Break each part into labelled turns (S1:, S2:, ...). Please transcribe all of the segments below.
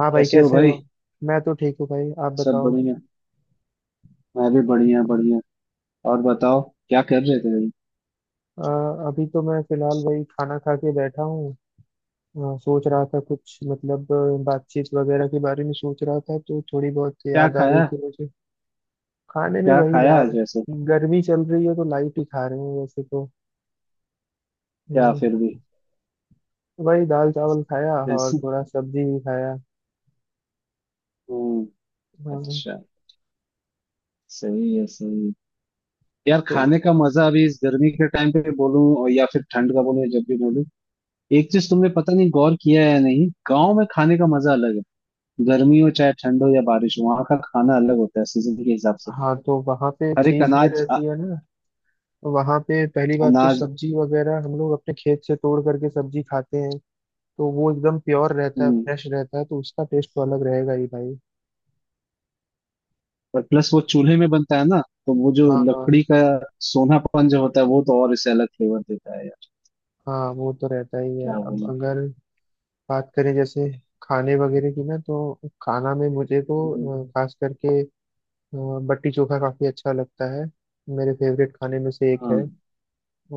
S1: हाँ भाई,
S2: कैसे हो
S1: कैसे
S2: भाई।
S1: हो? मैं तो ठीक हूँ भाई, आप
S2: सब
S1: बताओ।
S2: बढ़िया। मैं भी बढ़िया बढ़िया। और बताओ। क्या कर रहे थे भाई।
S1: अ, अभी तो मैं फिलहाल वही खाना खा के बैठा हूँ। सोच रहा था कुछ मतलब बातचीत वगैरह के बारे में सोच रहा था, तो थोड़ी बहुत
S2: क्या
S1: याद आ रही
S2: खाया।
S1: थी मुझे। खाने में
S2: क्या
S1: वही
S2: खाया
S1: यार,
S2: आज ऐसे।
S1: गर्मी चल रही है तो लाइट ही खा रहे हैं वैसे तो।
S2: क्या
S1: हम्म,
S2: फिर भी।
S1: वही दाल चावल खाया और
S2: जैसे।
S1: थोड़ा सब्जी भी खाया।
S2: हम्म।
S1: हाँ,
S2: अच्छा। सही है सही है। यार
S1: तो
S2: खाने का मजा अभी इस गर्मी के टाइम पे बोलूं और या फिर ठंड का बोलूं या जब भी बोलूं। एक चीज तुमने पता नहीं गौर किया है या नहीं, गाँव में खाने का मजा अलग है। गर्मी हो चाहे ठंड हो या बारिश हो वहां का खाना अलग होता है सीजन के हिसाब से।
S1: हाँ, तो वहाँ पे
S2: हर एक
S1: चीज ये
S2: अनाज
S1: रहती है ना। वहाँ पे पहली बात, तो
S2: अनाज।
S1: सब्जी वगैरह हम लोग अपने खेत से तोड़ करके सब्जी खाते हैं, तो वो एकदम प्योर रहता है,
S2: हम्म।
S1: फ्रेश रहता है, तो उसका टेस्ट तो अलग रहेगा ही भाई।
S2: और प्लस वो चूल्हे में बनता है ना, तो वो जो
S1: हाँ
S2: लकड़ी
S1: हाँ।
S2: का सोनापन जो होता है वो तो और इसे अलग फ्लेवर देता है यार।
S1: हाँ, वो तो रहता ही है।
S2: क्या
S1: अब
S2: बोलूं।
S1: अगर बात करें जैसे खाने वगैरह की ना, तो खाना में मुझे
S2: हम्म।
S1: तो खास करके अ, बट्टी चोखा काफी अच्छा लगता है, मेरे फेवरेट खाने में से एक है।
S2: हाँ।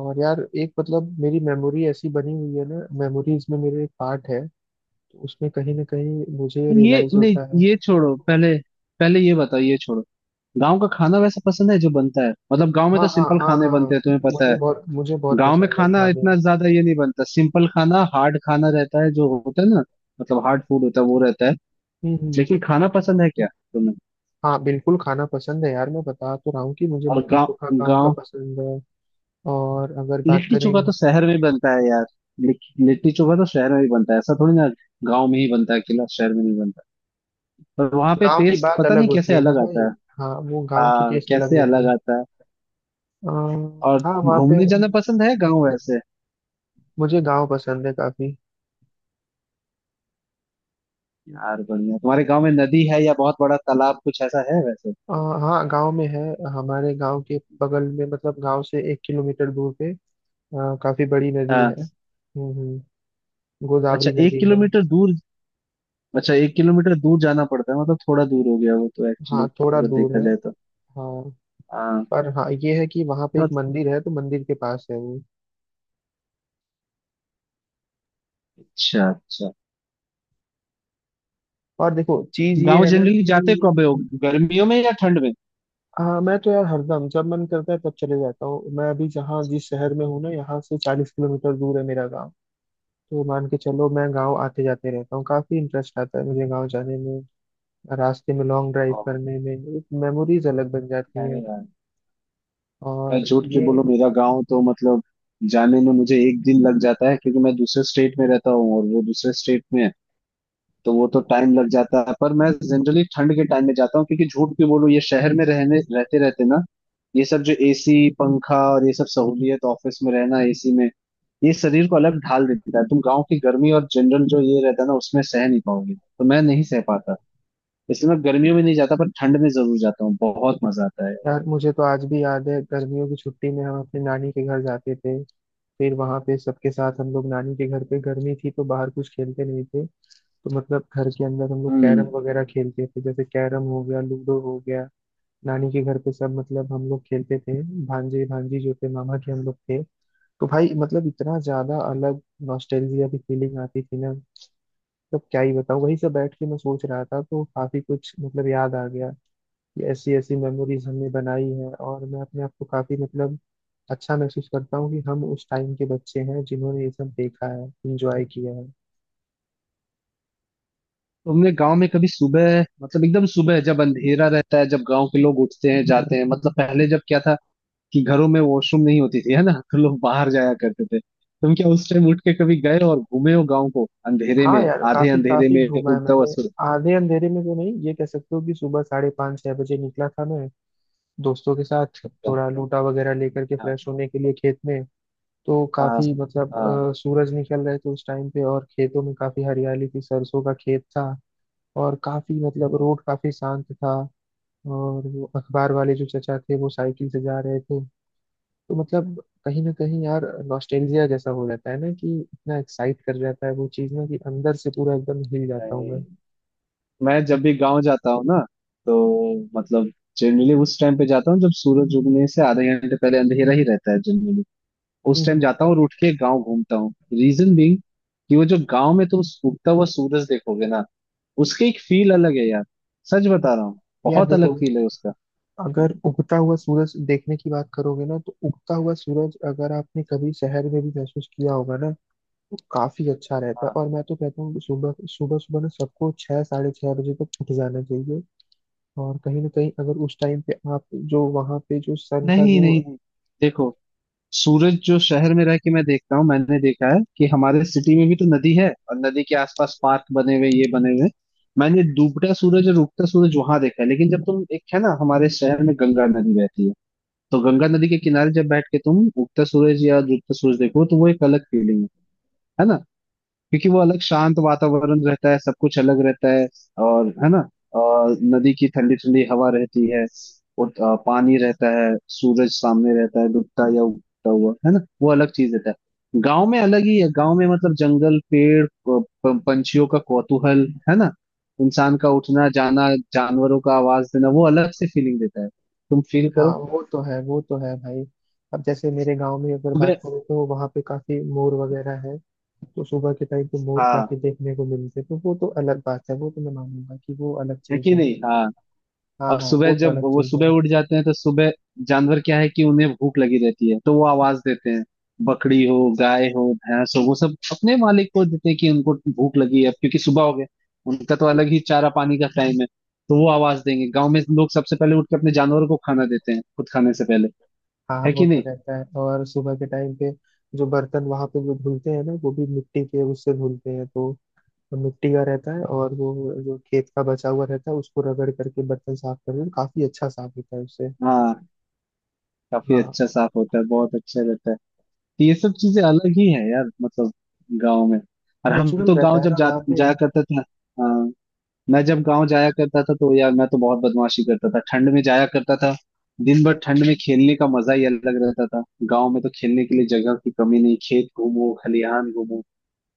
S1: और यार एक मतलब मेरी मेमोरी ऐसी बनी हुई है ना, मेमोरीज में मेरे एक पार्ट है, तो उसमें कहीं ना कहीं मुझे
S2: ये
S1: रियलाइज
S2: नहीं,
S1: होता है।
S2: ये छोड़ो पहले। पहले ये बताओ, ये छोड़ो। गांव का खाना वैसा पसंद है जो बनता है, मतलब गांव में
S1: हाँ
S2: तो
S1: हाँ
S2: सिंपल
S1: हाँ
S2: खाने
S1: हाँ।
S2: बनते हैं तुम्हें पता
S1: मुझे
S2: है।
S1: बहुत मुझे बहुत
S2: गांव में
S1: पसंद है
S2: खाना
S1: खाने।
S2: इतना ज्यादा ये नहीं बनता, सिंपल खाना हार्ड खाना रहता है जो होता है ना। मतलब हार्ड फूड होता है वो रहता है।
S1: हम्म।
S2: लेकिन खाना पसंद है क्या तुम्हें।
S1: हाँ, बिल्कुल खाना पसंद है यार, मैं बता तो रहा हूँ कि मुझे
S2: और
S1: लिट्टी
S2: गाँव
S1: चोखा गाँव का
S2: गाँव।
S1: पसंद है। और अगर बात
S2: लिट्टी चोखा
S1: करें,
S2: तो शहर में बनता है यार। लिट्टी लिट्टी चोखा तो शहर में ही बनता है ऐसा थोड़ी ना। गांव में ही बनता है अकेला, शहर में नहीं बनता। पर वहां पे
S1: गाँव की
S2: टेस्ट
S1: बात
S2: पता
S1: अलग
S2: नहीं
S1: होती
S2: कैसे
S1: है ना
S2: अलग
S1: भाई।
S2: आता है।
S1: हाँ, वो गाँव की
S2: हाँ
S1: टेस्ट अलग
S2: कैसे
S1: रहती
S2: अलग
S1: है।
S2: आता है।
S1: अ,
S2: और
S1: हाँ वहाँ पे
S2: घूमने जाना पसंद है गांव वैसे।
S1: मुझे गाँव पसंद है काफी।
S2: यार बढ़िया, तुम्हारे गांव में नदी है या बहुत बड़ा तालाब कुछ ऐसा है वैसे।
S1: अ, हाँ, गाँव में है। हमारे गाँव के बगल में, मतलब गाँव से एक किलोमीटर दूर पे काफी बड़ी नदी है।
S2: हाँ। अच्छा
S1: गोदावरी
S2: एक
S1: नदी है।
S2: किलोमीटर दूर। अच्छा 1 किलोमीटर दूर जाना पड़ता है, मतलब थोड़ा दूर हो गया वो तो एक्चुअली,
S1: हाँ, थोड़ा
S2: अगर
S1: दूर
S2: देखा
S1: है
S2: जाए तो।
S1: हाँ।
S2: हाँ।
S1: पर हाँ, ये है कि वहाँ पे एक मंदिर है, तो मंदिर के पास है वो।
S2: अच्छा अच्छा।
S1: और देखो, चीज ये
S2: गांव
S1: है ना
S2: जनरली
S1: कि
S2: जाते कब हो, गर्मियों में या ठंड
S1: हाँ, मैं तो यार हरदम जब मन करता है तब चले जाता हूँ। मैं अभी जहाँ जिस शहर में हूँ ना, यहाँ से 40 किलोमीटर दूर है मेरा गाँव। तो मान के चलो मैं गाँव आते जाते रहता हूँ, काफी इंटरेस्ट आता है मुझे गाँव जाने में, रास्ते में लॉन्ग ड्राइव
S2: में।
S1: करने में। एक मेमोरीज अलग बन
S2: है
S1: जाती हैं।
S2: ही यार। मैं
S1: और
S2: झूठ क्यों
S1: ये,
S2: बोलूं, मेरा गांव तो मतलब जाने में मुझे एक दिन लग जाता है क्योंकि मैं दूसरे स्टेट में रहता हूँ और वो दूसरे स्टेट में है। तो वो तो टाइम लग जाता है, पर मैं जनरली ठंड के टाइम में जाता हूँ क्योंकि झूठ क्यों बोलूं, ये शहर में रहने रहते रहते ना, ये सब जो एसी पंखा और ये सब सहूलियत, ऑफिस में रहना एसी में, ये शरीर को अलग ढाल देता है। तुम गांव की गर्मी और जनरल जो ये रहता है ना उसमें सह नहीं पाओगे, तो मैं नहीं सह पाता। इसलिए मैं गर्मियों में नहीं जाता पर ठंड में जरूर जाता हूँ, बहुत मजा आता है।
S1: यार मुझे तो आज भी याद है, गर्मियों की छुट्टी में हम अपने नानी के घर जाते थे। फिर वहां पे सबके साथ हम लोग, नानी के घर पे गर्मी थी तो बाहर कुछ खेलते नहीं थे, तो मतलब घर के अंदर हम लोग
S2: हम्म।
S1: कैरम वगैरह खेलते थे, जैसे कैरम हो गया, लूडो हो गया। नानी के घर पे सब मतलब हम लोग खेलते थे, भांजे भांजी जो थे मामा के, हम लोग थे। तो भाई मतलब इतना ज्यादा अलग नॉस्टैल्जिया की फीलिंग आती थी ना, मतलब क्या ही बताऊं। वही सब बैठ के मैं सोच रहा था, तो काफी कुछ मतलब याद आ गया। ये ऐसी ऐसी मेमोरीज हमने बनाई हैं, और मैं अपने आप को काफी मतलब अच्छा महसूस करता हूँ कि हम उस टाइम के बच्चे हैं जिन्होंने ये सब देखा है, एंजॉय किया है।
S2: तुमने गांव में कभी सुबह, मतलब एकदम सुबह जब अंधेरा रहता है, जब गांव के लोग उठते हैं जाते हैं, मतलब पहले जब क्या था कि घरों में वॉशरूम नहीं होती थी है ना, तो लोग बाहर जाया करते थे, तुम क्या उस टाइम उठ के कभी गए और घूमे हो गांव को अंधेरे
S1: हाँ
S2: में।
S1: यार,
S2: आधे
S1: काफी
S2: अंधेरे
S1: काफी
S2: में
S1: घूमा है
S2: उड़ता हुआ
S1: मैंने।
S2: सूरज।
S1: आधे अंधेरे में तो नहीं, ये कह सकते हो कि सुबह 5:30 6 बजे निकला था मैं दोस्तों के साथ,
S2: का?
S1: थोड़ा लूटा वगैरह लेकर के
S2: हाँ।
S1: फ्रेश होने के लिए खेत में। तो
S2: हाँ
S1: काफी मतलब
S2: हाँ,
S1: सूरज निकल रहे थे उस टाइम पे, और खेतों में काफी हरियाली थी, सरसों का खेत था, और काफी मतलब
S2: हाँ।
S1: रोड काफी शांत था। और वो अखबार वाले जो चचा थे वो साइकिल से जा रहे थे, तो मतलब कहीं ना कहीं यार, नॉस्टैल्जिया जैसा हो जाता है ना, कि इतना एक्साइट कर जाता है वो चीज ना, कि अंदर से पूरा एकदम हिल जाता हूँ मैं।
S2: मैं जब भी गांव जाता हूँ ना, तो मतलब जनरली उस टाइम पे जाता हूँ जब सूरज उगने से आधे घंटे पहले अंधेरा ही रहता है। उस टाइम
S1: हम्म।
S2: जाता हूँ और उठ के गाँव घूमता हूँ। रीजन बीइंग कि वो जो गाँव में तुम उगता हुआ सूरज देखोगे ना, उसकी एक फील अलग है यार। सच बता रहा हूँ।
S1: यार
S2: बहुत
S1: देखो,
S2: अलग फील है उसका।
S1: अगर उगता हुआ सूरज देखने की बात करोगे ना, तो उगता हुआ सूरज अगर आपने कभी शहर में भी महसूस किया होगा ना, तो काफी अच्छा रहता है।
S2: हाँ।
S1: और मैं तो कहता हूँ कि सुबह सुबह सुबह ना सबको 6 6:30 बजे तक उठ जाना चाहिए। और कहीं ना कहीं अगर उस टाइम पे आप जो वहां पे जो सन
S2: नहीं
S1: का
S2: नहीं
S1: जो।
S2: नहीं, देखो। सूरज जो शहर में रह के मैं देखता हूँ, मैंने देखा है कि हमारे सिटी में भी तो नदी है और नदी के आसपास पार्क बने हुए ये बने हुए। मैंने डूबता सूरज और उगता सूरज वहां देखा है, लेकिन जब तुम, एक है ना, हमारे शहर में गंगा नदी बहती है। तो गंगा नदी के किनारे जब बैठ के तुम उगता सूरज या डूबता सूरज देखो, तो वो एक अलग फीलिंग है ना। क्योंकि वो अलग शांत वातावरण रहता है, सब कुछ अलग रहता है, और है ना। और नदी की ठंडी ठंडी हवा रहती है। और पानी रहता है, सूरज सामने रहता है डूबता या उगता हुआ, है ना, वो अलग चीज रहता है। गांव में अलग ही है, गांव में मतलब जंगल पेड़, पंछियों का कौतूहल है ना, इंसान का उठना जाना, जानवरों का आवाज देना, वो अलग से फीलिंग देता है। तुम फील
S1: हाँ,
S2: करो।
S1: वो तो है, वो तो है भाई। अब जैसे मेरे गांव में अगर
S2: सुबह।
S1: बात करें, तो वहाँ पे काफी मोर वगैरह है, तो सुबह के टाइम पे मोर
S2: हाँ।
S1: काफी देखने को मिलते हैं, तो वो तो अलग बात है। वो तो मैं मानूंगा कि वो अलग
S2: है
S1: चीज
S2: कि
S1: है।
S2: नहीं, हाँ।
S1: हाँ
S2: और
S1: हाँ,
S2: सुबह
S1: वो तो
S2: जब
S1: अलग
S2: वो
S1: चीज है।
S2: सुबह उठ जाते हैं तो सुबह, जानवर क्या है कि उन्हें भूख लगी रहती है तो वो आवाज देते हैं। बकरी हो गाय हो भैंस हो, वो सब अपने मालिक को देते हैं कि उनको भूख लगी है, अब क्योंकि सुबह हो गया। उनका तो अलग ही चारा पानी का टाइम है। तो वो आवाज देंगे, गांव में लोग सबसे पहले उठ के अपने जानवरों को खाना देते हैं खुद खाने से पहले।
S1: हाँ हाँ,
S2: है
S1: वो
S2: कि
S1: तो
S2: नहीं।
S1: रहता है। और सुबह के टाइम पे जो बर्तन वहाँ पे जो धुलते हैं ना, वो भी मिट्टी के उससे धुलते हैं, तो मिट्टी का रहता है, और वो जो खेत का बचा हुआ रहता है उसको रगड़ करके बर्तन साफ करते हैं, काफी अच्छा साफ होता है उससे।
S2: हाँ। काफी
S1: हाँ,
S2: अच्छा साफ होता है, बहुत अच्छा रहता है। तो ये सब चीजें अलग ही है यार, मतलब गाँव में। और हम
S1: नेचुरल
S2: तो गाँव
S1: रहता है
S2: जब
S1: ना
S2: जा
S1: वहाँ पे।
S2: जाया करते थे। हाँ। मैं जब गांव जाया करता था तो यार मैं तो बहुत बदमाशी करता था, ठंड में जाया करता था। दिन भर ठंड में खेलने का मजा ही अलग रहता था। गांव में तो खेलने के लिए जगह की कमी नहीं, खेत घूमो खलिहान घूमो,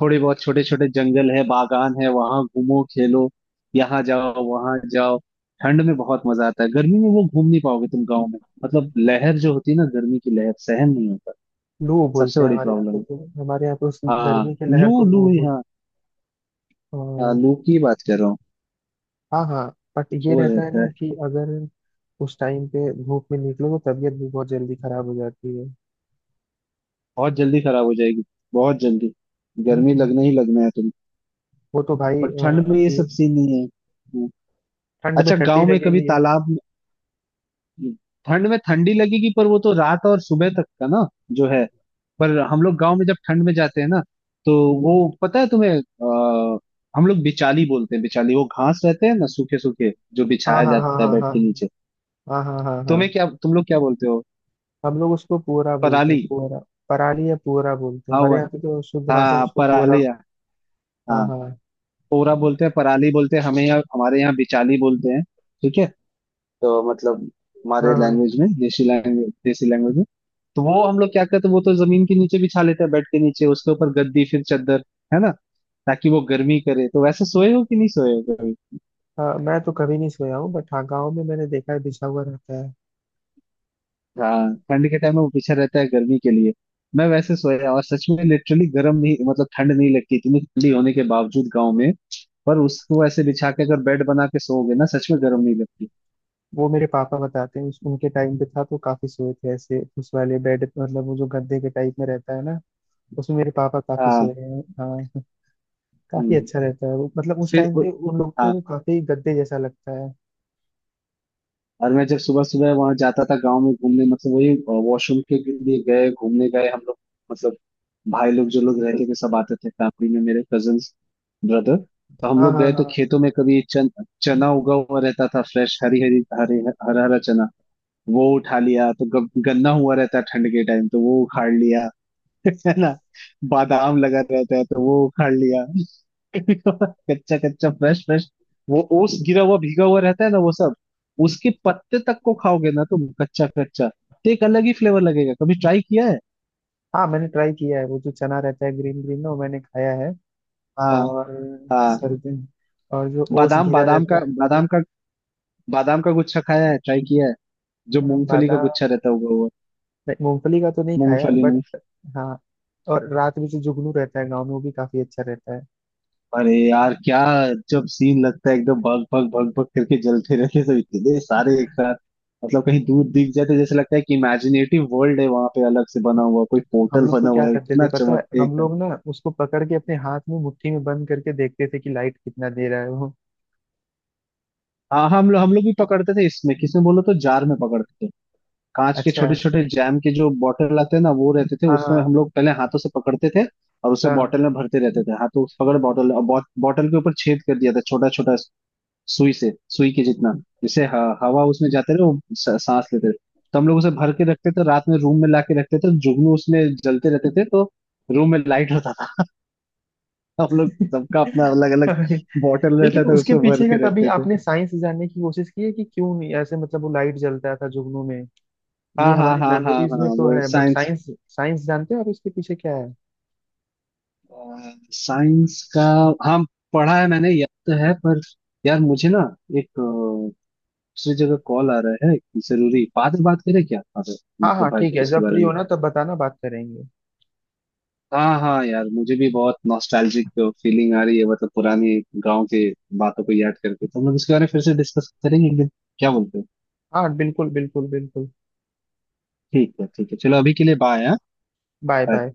S2: थोड़े बहुत छोटे छोटे जंगल है बागान है, वहां घूमो खेलो, यहाँ जाओ वहां जाओ। ठंड में बहुत मजा आता है, गर्मी में वो घूम नहीं पाओगे तुम गाँव में। मतलब लहर जो होती है ना, गर्मी की लहर सहन नहीं होता,
S1: लू
S2: सबसे
S1: बोलते हैं
S2: बड़ी
S1: हमारे यहाँ
S2: प्रॉब्लम
S1: पे,
S2: है।
S1: तो हमारे यहाँ पे उस
S2: हाँ
S1: गर्मी के लहर
S2: लू
S1: को
S2: लू
S1: लू बोलते
S2: यहाँ।
S1: हैं।
S2: हाँ
S1: और
S2: लू की बात कर रहा हूँ।
S1: हाँ हाँ, बट ये
S2: वो
S1: रहता है
S2: रहता
S1: ना
S2: है।
S1: कि अगर उस टाइम पे धूप में निकलो तो तबीयत भी बहुत जल्दी खराब हो जाती है।
S2: बहुत जल्दी खराब हो जाएगी, बहुत जल्दी,
S1: हम्म,
S2: गर्मी
S1: हम्म।
S2: लगना ही लगना है तुम्हें।
S1: वो तो भाई
S2: पर ठंड में ये
S1: अभी
S2: सब सीन नहीं है। हम्म।
S1: ठंड में
S2: अच्छा
S1: ठंडी
S2: गांव में कभी
S1: लगेगी।
S2: तालाब में। ठंड में ठंडी लगेगी पर वो तो रात और सुबह तक का ना जो है। पर हम लोग गांव में जब ठंड में जाते हैं ना, तो वो, पता है तुम्हें, हम लोग बिचाली बोलते हैं, बिचाली वो घास रहते हैं ना, सूखे सूखे जो
S1: हाँ
S2: बिछाया
S1: हाँ हाँ
S2: जाता है
S1: हाँ
S2: बेड
S1: हाँ
S2: के नीचे।
S1: हाँ हाँ हाँ
S2: तुम्हें
S1: हाँ।
S2: क्या, तुम लोग क्या बोलते हो।
S1: हम लोग उसको पुअरा बोलते हैं,
S2: पराली।
S1: पुअरा। पराली या पुअरा बोलते हैं
S2: हाँ
S1: हमारे
S2: वो-
S1: यहाँ पे, तो शुद्ध भाषा में
S2: हाँ
S1: उसको पुअरा।
S2: पराली।
S1: हाँ
S2: हाँ।
S1: हाँ
S2: पोरा बोलते हैं, पराली बोलते हैं, हमें यहाँ, हमारे यहाँ बिचाली बोलते हैं। ठीक है। तो मतलब हमारे
S1: हाँ हाँ।
S2: लैंग्वेज में, देसी लैंग्वेज, देसी लैंग्वेज में, तो वो हम लोग क्या करते हैं, वो तो जमीन के नीचे बिछा लेते हैं, बेड के नीचे उसके ऊपर गद्दी फिर चादर, है ना, ताकि वो गर्मी करे। तो वैसे सोए हो कि नहीं, सोए हो कभी।
S1: हाँ, मैं तो कभी नहीं सोया हूँ, बट हाँ गाँव में मैंने देखा है बिछा हुआ रहता है।
S2: हाँ ठंड के टाइम में वो पीछे रहता है गर्मी के लिए। मैं वैसे सोया, और सच में लिटरली गर्म नहीं, मतलब ठंड नहीं लगती इतनी ठंडी होने के बावजूद गाँव में। पर उसको ऐसे बिछा के अगर बेड बना के सोओगे ना, सच में गर्म नहीं लगती।
S1: वो मेरे पापा बताते हैं उनके टाइम पे था, तो काफी सोए थे ऐसे। उस वाले बेड, मतलब वो जो गद्दे के टाइप में रहता है ना, उसमें मेरे पापा काफी
S2: हाँ।
S1: सोए हैं हाँ। काफी
S2: हम्म।
S1: अच्छा रहता है वो, मतलब उस
S2: फिर
S1: टाइम
S2: उ-
S1: पे उन लोग
S2: हाँ।
S1: को काफी गद्दे जैसा लगता है।
S2: और मैं जब सुबह सुबह वहां जाता था गांव में घूमने, मतलब वही वॉशरूम के लिए, गए घूमने गए हम लोग, मतलब भाई लोग, जो लोग रहते थे सब आते थे फैमिली में, मेरे कजन्स ब्रदर, तो हम
S1: हाँ
S2: लोग
S1: हाँ
S2: गए तो
S1: हाँ।
S2: खेतों में कभी चना उगा हुआ रहता था, फ्रेश हरी हरी हरे, हरा हरा चना, वो उठा लिया। तो गन्ना हुआ रहता है ठंड के टाइम, तो वो उखाड़ लिया, है ना। बादाम लगा रहता है तो वो उखाड़ लिया। कच्चा कच्चा फ्रेश फ्रेश, वो ओस गिरा हुआ भीगा हुआ रहता है ना वो सब। उसके पत्ते तक को खाओगे ना तुम, कच्चा कच्चा तो एक अलग ही फ्लेवर लगेगा, कभी ट्राई किया है।
S1: हाँ, मैंने ट्राई किया है वो जो चना रहता है ग्रीन ग्रीन ना, वो मैंने खाया है।
S2: हाँ।
S1: और
S2: हाँ।
S1: सर्दी, और जो ओस
S2: बादाम
S1: घिरा
S2: बादाम
S1: रहता
S2: का
S1: है।
S2: बादाम का बादाम का गुच्छा खाया है, ट्राई किया है। जो
S1: हाँ,
S2: मूंगफली का
S1: बादाम।
S2: गुच्छा रहता होगा वो।
S1: नहीं, मूंगफली का तो नहीं खाया
S2: मूंगफली।
S1: बट। हाँ। और रात में जो जुगनू रहता है गाँव में वो भी काफी अच्छा रहता है।
S2: अरे यार क्या, जब सीन लगता है एकदम, भग भग भग भग करके जलते रहते हैं सब इतने सारे एक साथ, मतलब कहीं दूर दिख जाते, जैसे लगता है कि इमेजिनेटिव वर्ल्ड है वहां पे अलग से बना हुआ, कोई
S1: हम
S2: पोर्टल
S1: लोग तो
S2: बना
S1: क्या
S2: हुआ है,
S1: करते थे
S2: इतना
S1: पता है,
S2: चमकते
S1: हम
S2: एकदम।
S1: लोग ना उसको पकड़ के अपने हाथ में मुट्ठी में बंद करके देखते थे कि लाइट कितना दे रहा है वो।
S2: हाँ हाँ, हम लोग भी पकड़ते थे, इसमें किसमें बोलो, तो जार में पकड़ते थे, कांच के
S1: अच्छा।
S2: छोटे छोटे जैम के जो बॉटल आते हैं ना वो रहते थे उसमें, हम
S1: हाँ।
S2: लोग पहले हाथों से पकड़ते थे और उसे
S1: हाँ
S2: बॉटल में भरते रहते थे, हाथों से पकड़, बॉटल, और बॉटल के ऊपर छेद कर दिया था छोटा छोटा, सुई से, सुई के जितना, जैसे हवा उसमें जाते रहे, वो सांस लेते रहे। तो हम लोग उसे भर के रखते थे, रात में रूम में लाके रखते थे, जुगनू उसमें जलते रहते थे तो रूम में लाइट होता था। हम लोग सबका अपना अलग अलग
S1: हाँ।
S2: बॉटल
S1: लेकिन
S2: रहता था,
S1: उसके
S2: उसमें भर
S1: पीछे का
S2: के
S1: कभी
S2: रखते थे।
S1: आपने साइंस जानने की कोशिश की है कि क्यों नहीं ऐसे मतलब वो लाइट जलता था जुगनू में? ये
S2: हाँ हाँ
S1: हमारी
S2: हाँ हाँ
S1: मेमोरीज
S2: हाँ,
S1: में तो
S2: वो
S1: है बट
S2: साइंस,
S1: साइंस, साइंस जानते हो आप इसके पीछे क्या है?
S2: साइंस का, हाँ, पढ़ा है मैंने, याद तो है पर। यार मुझे ना एक दूसरी जगह कॉल आ रहा है, जरूरी, बाद में बात करें क्या।
S1: हाँ
S2: मतलब
S1: हाँ
S2: भाई
S1: ठीक है,
S2: इसके
S1: जब
S2: बारे
S1: फ्री हो
S2: में,
S1: ना तब बताना, बात करेंगे।
S2: हाँ हाँ यार मुझे भी बहुत नॉस्टैल्जिक फीलिंग आ रही है, मतलब पुरानी गांव के बातों को याद करके, तो हम लोग इसके बारे में फिर से डिस्कस करेंगे एक दिन, क्या बोलते हो।
S1: हाँ, बिल्कुल बिल्कुल बिल्कुल।
S2: ठीक है ठीक है, चलो अभी के लिए बाय।
S1: Bye bye.